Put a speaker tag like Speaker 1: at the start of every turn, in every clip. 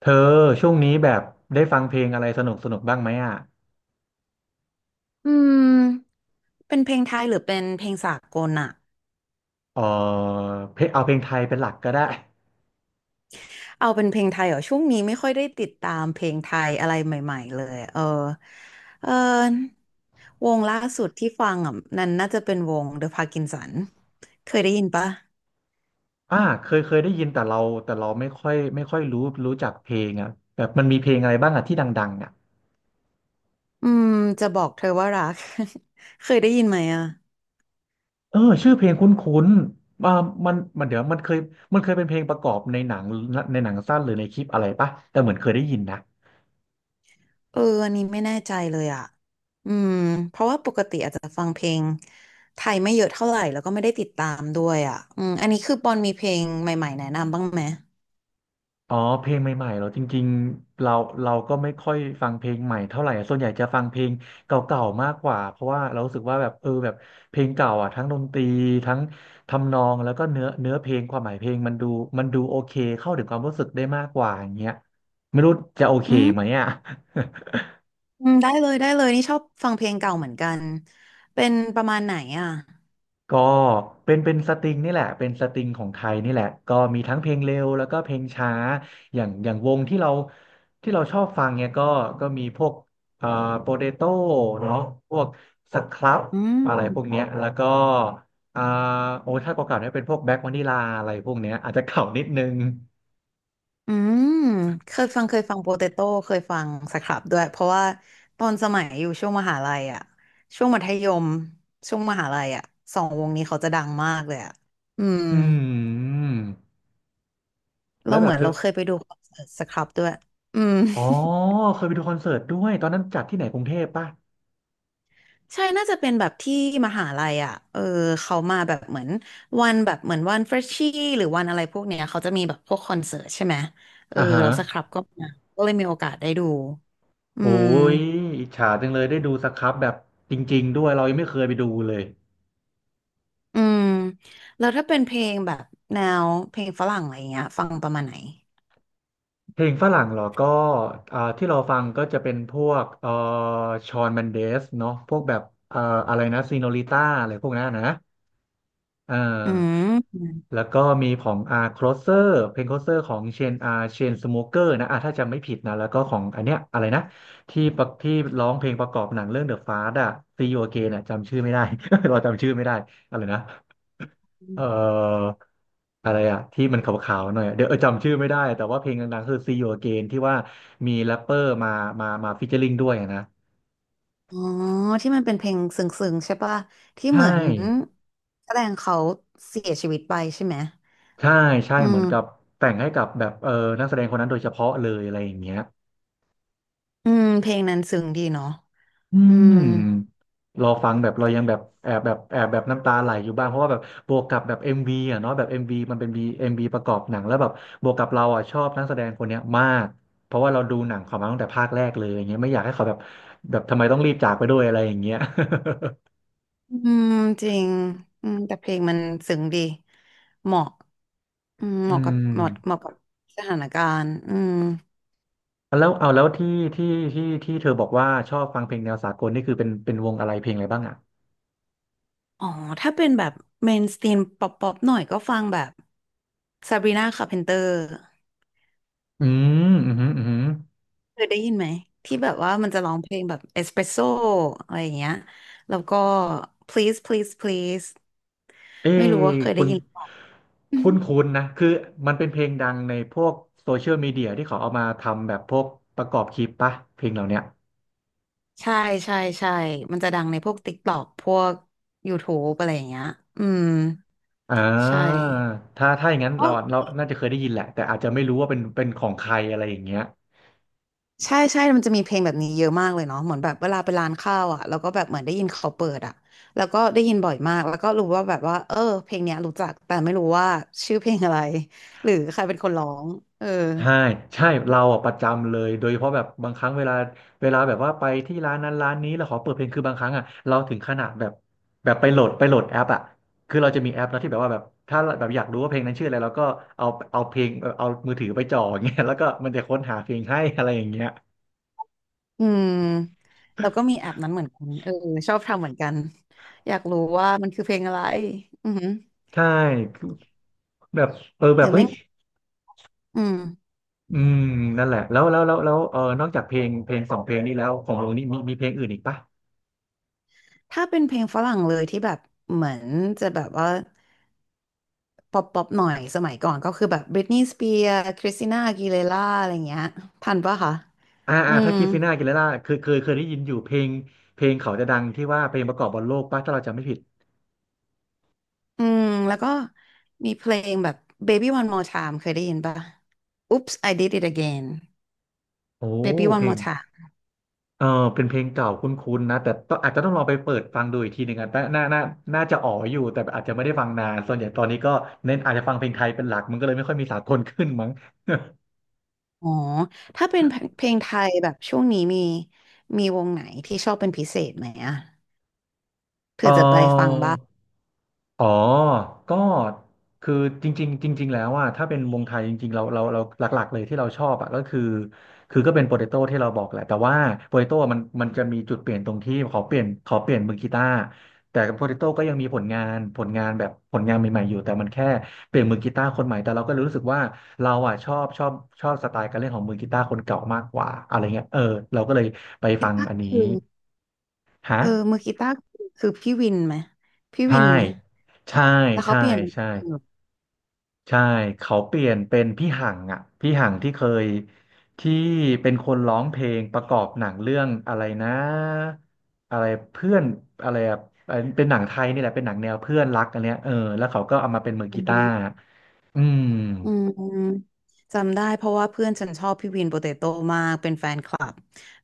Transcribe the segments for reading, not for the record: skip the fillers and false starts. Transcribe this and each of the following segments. Speaker 1: เธอช่วงนี้แบบได้ฟังเพลงอะไรสนุกสนุกบ้างไหมอ่ะ
Speaker 2: อืมเป็นเพลงไทยหรือเป็นเพลงสากลอะ
Speaker 1: เออเพลงเอาเพลงไทยเป็นหลักก็ได้
Speaker 2: เอาเป็นเพลงไทยเหรอช่วงนี้ไม่ค่อยได้ติดตามเพลงไทยอะไรใหม่ๆเลยเออวงล่าสุดที่ฟังอ่ะนั่นน่าจะเป็นวง The Parkinson เคยได้ยินปะ
Speaker 1: อ่าเคยได้ยินแต่เราแต่เราไม่ค่อยรู้จักเพลงอ่ะแบบมันมีเพลงอะไรบ้างอ่ะที่ดังๆอ่ะ
Speaker 2: อืมจะบอกเธอว่ารัก เคยได้ยินไหมอ่ะ
Speaker 1: เออชื่อเพลงคุ้นๆอ่ามันเดี๋ยวมันเคยเป็นเพลงประกอบในหนังในหนังสั้นหรือในคลิปอะไรปะแต่เหมือนเคยได้ยินนะ
Speaker 2: เอออันนี้ไม่แน่ใจเลยอ่ะอืมเพราะว่าปกติอาจจะฟังเพลงไทยไม่เยอะเท่าไหร่แล้วก็ไม่ได้ติดตามด้วยอ่ะอันนี้คือปอนมีเพลงใหม่ๆแนะนำบ้างไหม
Speaker 1: อ๋อเพลงใหม่ๆเหรอจริงๆเราก็ไม่ค่อยฟังเพลงใหม่เท่าไหร่อะส่วนใหญ่จะฟังเพลงเก่าๆมากกว่าเพราะว่าเรารู้สึกว่าแบบแบบเพลงเก่าอ่ะทั้งดนตรีทั้งทำนองแล้วก็เนื้อเพลงความหมายเพลงมันดูโอเคเข้าถึงความรู้สึกได้มากกว่าอย่างเงี้ยไม่รู้จะโอเค
Speaker 2: อืม
Speaker 1: ไหมอ่ะ
Speaker 2: อืมได้เลยได้เลยนี่ชอบฟังเพลงเก่าเหมือนกันเป็นประมาณไหนอ่ะ
Speaker 1: ก็เป็นสตริงนี่แหละเป็นสตริงของไทยนี่แหละก็มีทั้งเพลงเร็วแล้วก็เพลงช้าอย่างวงที่เราที่เราชอบฟังเนี่ยก็มีพวกเอ่าโปเตโต้เนาะพวกสครับ
Speaker 2: อื
Speaker 1: อะไรพวก
Speaker 2: ม
Speaker 1: เนี้ยแล้วก็อ่าโอ้ถ้าเก่าๆเนี่ยเป็นพวกแบ็ควานิลาอะไรพวกเนี้ยอาจจะเก่านิดนึง
Speaker 2: อืมเคยฟังเคยฟังโปเตโต้เคยฟังสครับด้วยเพราะว่าตอนสมัยอยู่ช่วงมหาลัยอ่ะช่วงมัธยมช่วงมหาลัยอ่ะสองวงนี้เขาจะดังมากเลยอ่ะอืม
Speaker 1: อืม
Speaker 2: เรา
Speaker 1: แล้วแบ
Speaker 2: เหมื
Speaker 1: บ
Speaker 2: อน
Speaker 1: เธ
Speaker 2: เรา
Speaker 1: อ
Speaker 2: เคยไปดูคอนเสิร์ตสครับด้วยอืม
Speaker 1: อ๋อเคยไปดูคอนเสิร์ตด้วยตอนนั้นจัดที่ไหนกรุงเทพป่ะ
Speaker 2: ใช่น่าจะเป็นแบบที่มหาลัยอ่ะเออเขามาแบบเหมือนวันแบบเหมือนวันเฟรชชี่หรือวันอะไรพวกเนี้ยเขาจะมีแบบพวกคอนเสิร์ตใช่ไหมเออ
Speaker 1: อ่าฮะ
Speaker 2: เราสครับก็มาก็เลยมีโอกาสได้ดูอื
Speaker 1: โอ้
Speaker 2: ม
Speaker 1: ยอิจฉาจังเลยได้ดูสครับแบบจริงๆด้วยเรายังไม่เคยไปดูเลย
Speaker 2: อืมแล้วถ้าเป็นเพลงแบบแนวเพลงฝรั่งอะไรเงี้ยฟังประมาณไหน
Speaker 1: เพลงฝรั่งเหรอก็อ่าที่เราฟังก็จะเป็นพวกชอนเมนเดสเนาะพวกแบบเอ่ออะไรนะซีโนลิต้าอะไรพวกนั้นนะ อ่
Speaker 2: อื
Speaker 1: า
Speaker 2: ม
Speaker 1: แล้วก็มีของอาร์ครเซอร์เพลงค l o เซอร์ของเชนอาร์เชนสโมเกอร์นะอ่าถ้าจำไม่ผิดนะแล้วก็ของอันเนี้ยอะไรนะที่ประที่ร้องเพลงประกอบหนังเรื่องเดอะฟา t อะซีโอเกนอะจำชื่อไม่ได้ เราจำชื่อไม่ได้อะไรนะเอ่ออะไรอะที่มันขาวๆหน่อยอะเดี๋ยวเออจำชื่อไม่ได้แต่ว่าเพลงดังๆคือ See You Again ที่ว่ามีแรปเปอร์มามาฟีเจอริงด้วยอะนะ
Speaker 2: อ๋อที่มันเป็นเพลงซึ้งๆใช่ปะที่เห
Speaker 1: ใช่
Speaker 2: มือนแสดงเขาเสียชีวิตไปใช่ไหม
Speaker 1: ใช่ใช่
Speaker 2: อื
Speaker 1: เหมือนกับ
Speaker 2: ม
Speaker 1: แต่งให้กับแบบเออนักแสดงคนนั้นโดยเฉพาะเลยอะไรอย่างเงี้ย
Speaker 2: อืมเพลงนั้นซึ้งดีเนาะ
Speaker 1: อื
Speaker 2: อืม
Speaker 1: มรอฟังแบบเรายังแบบแอบแบบแอบแบบน้ำตาไหลอยู่บ้างเพราะว่าแบบบวกกับแบบเอ็มวีอ่ะเนาะแบบเอ็มวีมันเป็นบีเอ็มวีประกอบหนังแล้วแบบบวกกับเราอ่ะชอบนักแสดงคนเนี้ยมากเพราะว่าเราดูหนังเขามาตั้งแต่ภาคแรกเลยอย่างเงี้ยไม่อยากให้เขาแบบแบบทำไมต้องรีบจากไปด้วยอะไรอย่างเงี้ย
Speaker 2: อืมจริงแต่เพลงมันซึ้งดีเหมาะเห
Speaker 1: อื
Speaker 2: มาะกับ
Speaker 1: ม
Speaker 2: เหมาะเหมาะกับสถานการณ์อืม
Speaker 1: แล้วเอาแล้วที่ที่เธอบอกว่าชอบฟังเพลงแนวสากลนี่คือเป็นวงอะไรเพลงอะไรบ้างอ่ะ
Speaker 2: อ๋อถ้าเป็นแบบเมนสตรีมป๊อปป๊อปหน่อยก็ฟังแบบซาบรีนาคาร์เพนเตอร์
Speaker 1: อืมอืมอืม
Speaker 2: เคยได้ยินไหมที่แบบว่ามันจะร้องเพลงแบบเอสเปรสโซอะไรอย่างเงี้ยแล้วก็ please please please
Speaker 1: เอ้
Speaker 2: ไม่รู้ว่าเคย
Speaker 1: คุ
Speaker 2: ได้
Speaker 1: ณ
Speaker 2: ยินหรือเปล่า อื
Speaker 1: คุ
Speaker 2: ม
Speaker 1: ณคุณนะคือมันเป็นเพลงดังในพวกโซเชียลมีเดียที่เขาเอามาทำแบบพวกประกอบคลิปปะเพลงเหล่าเนี้ย
Speaker 2: ใช่ใช่มันจะดังในพวก TikTok พวก YouTube อะไรอย่างเงี้ยอืม
Speaker 1: อ่
Speaker 2: ใช่
Speaker 1: าถ้าอย่างนั้น
Speaker 2: ก็
Speaker 1: เราน่าจะเคยได้ยินแหละ แต่อาจจะไม่รู้ว่าเป็นของใครอะไรอย่างเงี้ย
Speaker 2: ใช่ มันจะมีเพลงแบบนี้เยอะมากเลยเนาะเหมือนแบบเวลาไปร้านข้าวอ่ะแล้วก็แบบเหมือนได้ยินเขาเปิดอ่ะแล้วก็ได้ยินบ่อยมากแล้วก็รู้ว่าแบบว่าเออเพลงเนี้ยรู้จักแต่ไม่รู้ว่าชื่อเพลงอะไร หรือใครเป็นคนร้องเออ
Speaker 1: ใช่ใช่เราอ่ะประจำเลยโดยเฉพาะแบบบางครั้งเวลาแบบว่าไปที่ร้านนั้นร้านนี้แล้วขอเปิดเพลงคือบางครั้งอ่ะเราถึงขนาดแบบแบบไปโหลดแอปอ่ะคือเราจะมีแอปแล้วที่แบบว่าแบบถ้าแบบอยากรู้ว่าเพลงนั้นชื่ออะไรเราก็เอาเอาเพลงเอามือถือไปจ่ออย่างเงี้ยแล้วก็มันจะค้นหาเพลงให้ อะไรอย่างเงี้ย
Speaker 2: อืมแล้วก็มีแอปนั้นเหมือนกันเออชอบทำเหมือนกันอยากรู้ว่ามันคือเพลงอะไรอือหือ
Speaker 1: ใช่คือแบบเออ
Speaker 2: ห
Speaker 1: แบบ
Speaker 2: รือ
Speaker 1: เฮ้
Speaker 2: ไม่
Speaker 1: ย
Speaker 2: อืม
Speaker 1: อืมนั่นแหละแล้วเออนอกจากเพลงสองเพลงนี้แล้วของวงนี้มีเพลงอื่นอีกปะ
Speaker 2: ถ้าเป็นเพลงฝรั่งเลยที่แบบเหมือนจะแบบว่า ป๊อปป๊อปหน่อยสมัยก่อนก็คือแบบบริตนี y s สเปียร์คริสติน่าอากีเลร่าอะไรเงี้ยทันปะคะ
Speaker 1: อ่า
Speaker 2: อื
Speaker 1: อ่าถ้า
Speaker 2: ม
Speaker 1: คริสติน่าอากิเลร่าเคยได้ยินอยู่เพลงเขาจะดังที่ว่าเพลงประกอบบอลโลกป่ะถ้าเราจำไม่ผิด
Speaker 2: อืมแล้วก็มีเพลงแบบ Baby One More Time เคยได้ยินปะ Oops I Did It Again
Speaker 1: โอ้
Speaker 2: Baby
Speaker 1: เพ
Speaker 2: One
Speaker 1: ลง
Speaker 2: More Time
Speaker 1: เออเป็นเพลงเก่าคุ้นๆนะแต่ต้องอาจจะต้องลองไปเปิดฟังดูอีกทีหนึ่งอ่ะแต่น่าจะอ๋ออยู่แต่อาจจะไม่ได้ฟังนานส่วนใหญ่ตอนนี้ก็เน้นอาจจะฟังเพลงไทยเป็นหลักมันก็เลยไม่ค่อยมีสากลขึ้นมั้ง
Speaker 2: อ๋อถ้าเป็นเพลงไทยแบบช่วงนี้มีมีวงไหนที่ชอบเป็นพิเศษไหมอะ
Speaker 1: เอ
Speaker 2: เผื่อจะไปฟัง
Speaker 1: อ
Speaker 2: บ้าง
Speaker 1: อ๋อก็คือจริงๆจริงๆ แล้วอ่ะถ้าเป็นวงไทยจริงๆเราหลักๆเลยที่เราชอบอ่ะก็คือคือก็เป็นโปเตโต้ที่เราบอกแหละแต่ว่าโปเตโต้มันจะมีจุดเปลี่ยนตรงที่ขอเปลี่ยนมือกีตาร์แต่โปเตโต้ก็ยังมีผลงานผลงานแบบผลงานใหม่ๆอยู่แต่มันแค่เปลี่ยนมือกีตาร์คนใหม่ แต่เราก็รู้สึกว่าเราอ่ะชอบสไตล์การเล่นของมือกีตาร์คนเก่ามากกว่าอะไรเงี้ยเออเราก็เลยไป
Speaker 2: กี
Speaker 1: ฟัง
Speaker 2: ตา
Speaker 1: อั
Speaker 2: ร์
Speaker 1: นนี้
Speaker 2: คือ
Speaker 1: ฮะ
Speaker 2: เออมือกีตาร์คือพี่วินไหมพี่
Speaker 1: ใช่
Speaker 2: วินไหม
Speaker 1: ใช่
Speaker 2: แล้วเขา
Speaker 1: ใช่
Speaker 2: เปลี่ยนเป็น
Speaker 1: ใช่ ใช่เขาเปลี่ยนเป็นพี่หังอ่ะพี่หังที่เป็นคนร้องเพลงประกอบหนังเรื่องอะไรนะอะไรเพื่อนอะไรอะเป็นหนังไทยนี่แหละเป็นหนังแนวเพื่อนรักอันเนี้ยเออแล้วเขาก็เอามาเป็นมือ
Speaker 2: อื
Speaker 1: กีตาร์
Speaker 2: ม
Speaker 1: อืม
Speaker 2: อืมจำได้เพราะว่าเพื่อนฉันชอบพี่วินโปเตโต้มากเป็นแฟนคลับ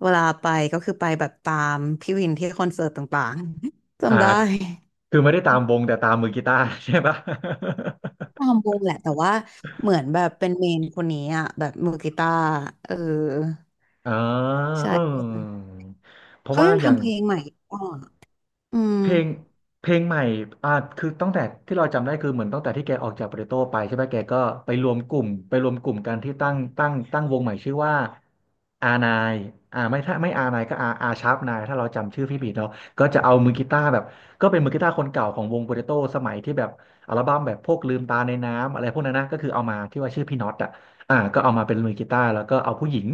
Speaker 2: เวลาไปก็คือไปแบบตามพี่วินที่คอนเสิร์ตต่างๆ
Speaker 1: อ่า
Speaker 2: จำได้
Speaker 1: คือไม่ได้ตามวงแต่ตามมือกีตาร์ ใช่ปะ
Speaker 2: ตามวงแหละแต่ว่าเหมือนแบบเป็นเมนคนนี้อ่ะแบบมือกีตาร์เออ
Speaker 1: อ่า
Speaker 2: ใช่
Speaker 1: เออเพราะ
Speaker 2: เขา
Speaker 1: ว่า
Speaker 2: ยัง
Speaker 1: อย่าง
Speaker 2: ทำเพลงใหม่อ่ะอืม
Speaker 1: เพลงเพลงใหม่อ่าคือตั้งแต่ที่เราจำได้คือเหมือนตั้งแต่ที่แกออกจากโปาเตโต้ไปใช่ไหมแกก็ไปรวมกลุ่มกันที่ตั้งวงใหม่ชื่อว่าอานายอ่าไม่ถ้าไม่อานายก็อาชาร์ปนายถ้าเราจำชื่อพี่ผิดเนาะก็จะเอามือกีตาร์แบบก็เป็นมือกีตาร์คนเก่าของวงโปาเตโต้สมัยที่แบบอัลบั้มแบบพวกลืมตาในน้ำอะไรพวกนั้นนะก็คือเอามาที่ว่าชื่อพี่น็อตอะ อ่าก็เอามาเป็นมือกีตาร์แล้วก็เอาผู้หญิง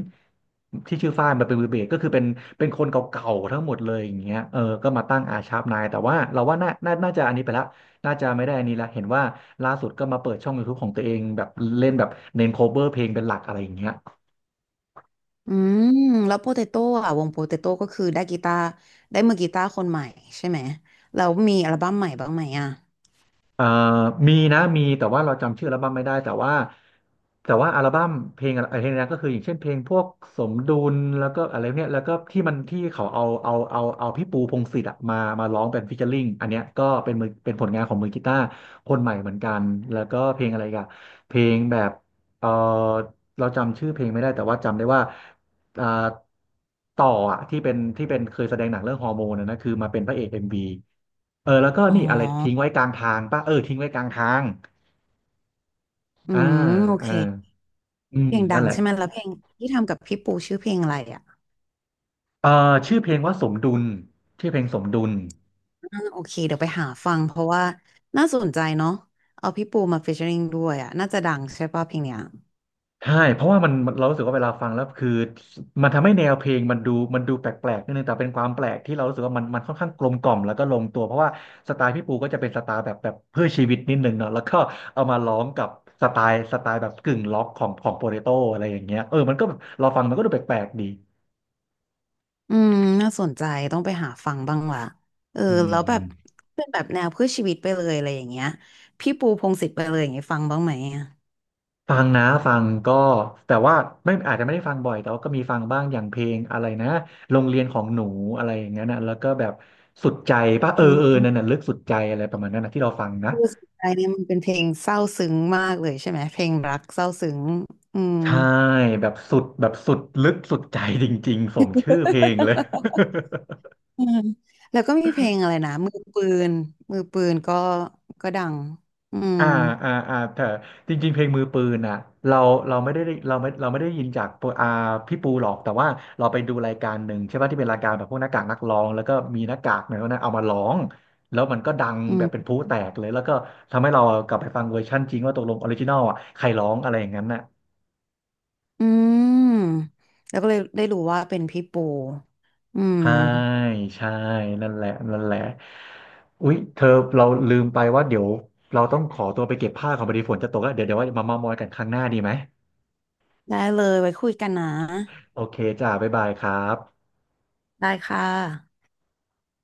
Speaker 1: ที่ชื่อฝ้ายมาเป็นมือเบสก็คือเป็นเป็นคนเก่าๆทั้งหมดเลยอย่างเงี้ยเออก็มาตั้งอาชาร์ปนายแต่ว่าเราว่าน่าจะอันนี้ไปละน่าจะไม่ได้อันนี้ละเห็นว่าล่าสุดก็มาเปิดช่องยูทูบของตัวเองแบบเล่นแบบเน้นโคเ e อร์เพลงเป็นหลักอะไรอย่างเงี้ย
Speaker 2: อืมแล้วโปเตโต้อ่ะวงโปเตโต้ก็คือได้กีตาร์ได้มือกีตาร์คนใหม่ใช่ไหมแล้วมีอัลบั้มใหม่บ้างไหมอ่ะ
Speaker 1: เอ่อมีนะมีแต่ว่าเราจำชื่ออัลบั้มไม่ได้แต่ว่าแต่ว่าอัลบั้มเพลงอะไรเพลงนั้นก็คืออย่างเช่นเพลงพวกสมดุลแล้วก็อะไรเนี่ยแล้วก็ที่มันที่เขาเอาพี่ปูพงษ์สิทธิ์อะมาร้องเป็นฟีเจอริ่งอันเนี้ยก็เป็นมือเป็นผลงานของมือกีตาร์คนใหม่เหมือนกันแล้วก็เพลงอะไรอีกันเพลงแบบเออเราจำชื่อเพลงไม่ได้แต่ว่าจำได้ว่าอ่าต่ออะที่เป็นเคยแสดงหนังเรื่องฮอร์โมนอะนะคือมาเป็นพระเอกเอ็มวี เออแล้วก็
Speaker 2: อ๋อ
Speaker 1: นี่อะไรทิ้งไว้กลางทางป่ะเออทิ้งไว้กลางทาง
Speaker 2: อื
Speaker 1: อ่า
Speaker 2: มโอ
Speaker 1: อ่า
Speaker 2: เค
Speaker 1: อื
Speaker 2: เพ
Speaker 1: ม
Speaker 2: ลงดั
Speaker 1: นั่น
Speaker 2: ง
Speaker 1: แหละ
Speaker 2: ใช่ไหมแล้วเพลงที่ทำกับพี่ปูชื่อเพลงอะไรอ่ะ
Speaker 1: เออชื่อเพลงว่าสมดุลชื่อเพลงสมดุล
Speaker 2: อ่าโอเคเดี๋ยวไปหาฟังเพราะว่าน่าสนใจเนาะเอาพี่ปูมาฟีเจอริงด้วยอ่ะน่าจะดังใช่ป่ะเพลงเนี้ย
Speaker 1: ใช่เพราะว่ามันเรารู้สึกว่าเวลาฟังแล้วคือมันทำให้แนวเพลงมันดูแปลกๆนิดนึงแต่เป็นความแปลกที่เรารู้สึกว่ามันค่อนข้างกลมกล่อมแล้วก็ลงตัวเพราะว่าสไตล์พี่ปูก็จะเป็นสไตล์แบบเพื่อชีวิตนิดนึงเนาะแล้วก็เอามาร้องกับสไตล์แบบกึ่งล็อกของของโปเตโต้อะไรอย่างเงี้ยเออมันก็เราฟังมันก็ดูแปลกๆดี
Speaker 2: อืมน่าสนใจต้องไปหาฟังบ้างว่ะเออ
Speaker 1: อื
Speaker 2: แล้วแบบ
Speaker 1: ม
Speaker 2: เป็นแบบแนวเพื่อชีวิตไปเลยอะไรอย่างเงี้ยพี่ปูพงษ์สิทธิ์ไปเลยอย่างเงี้ยฟังบ้างไหมอะ
Speaker 1: ฟังนะฟังก็แต่ว่าไม่อาจจะไม่ได้ฟังบ่อยแต่ว่าก็มีฟังบ้างอย่างเพลงอะไรนะโรงเรียนของหนูอะไรอย่างเงี้ยนะแล้วก็แบบสุดใจป่ะเออ
Speaker 2: อืม
Speaker 1: นั่นน่ะลึกสุดใจอะไรประมาณนั้นนะที่เราฟังนะ
Speaker 2: คือสนใจเนี่ยมันเป็นเพลงเศร้าซึ้งมากเลยใช่ไหมเพลงรักเศร้าซึ้งอืม
Speaker 1: ใช่แบบสุดลึกสุดใจจริงๆสมชื่อเพลงเลย
Speaker 2: อืมแล้วก็มีเพลงอะไรนะมือปืนมือปืนก็ก็ดังอืม
Speaker 1: อ่าอ่าแต่จริงๆเพลงมือปืนอ่ะเราเราไม่ได้เราไม่เราไม่ได้ยินจากปพี่ปูหรอกแต่ว่าเราไปดูรายการหนึ่งใช่ป่ะที่เป็นรายการแบบพวกหน้ากากนักร้องแล้วก็มีหน้ากากเนี่ยนะเอามาร้องแล้วมันก็ดัง
Speaker 2: อื
Speaker 1: แบบเป็น
Speaker 2: ม
Speaker 1: พลุแตกเลยแล้วก็ทำให้เรากลับไปฟังเวอร์ชั่นจริงว่าตกลงออริจินอลอ่ะใครร้องอะไรอย่างนั้นน่ะ
Speaker 2: อืมแล้วก็เลยได้รู้ว่าเป็นพี่ปูอืม
Speaker 1: ใช่ใช่นั่นแหละอุ๊ยเธอเราลืมไปว่าเดี๋ยวเราต้องขอตัวไปเก็บผ้าของพอดีฝนจะตกแล้วเดี๋ยวว่ามาเมามอยกันครั้งหน้าดีไหม
Speaker 2: ได้เลยไว้คุยกันนะ
Speaker 1: โอเคจ้าบ๊ายบายครับ
Speaker 2: ได้ค่ะ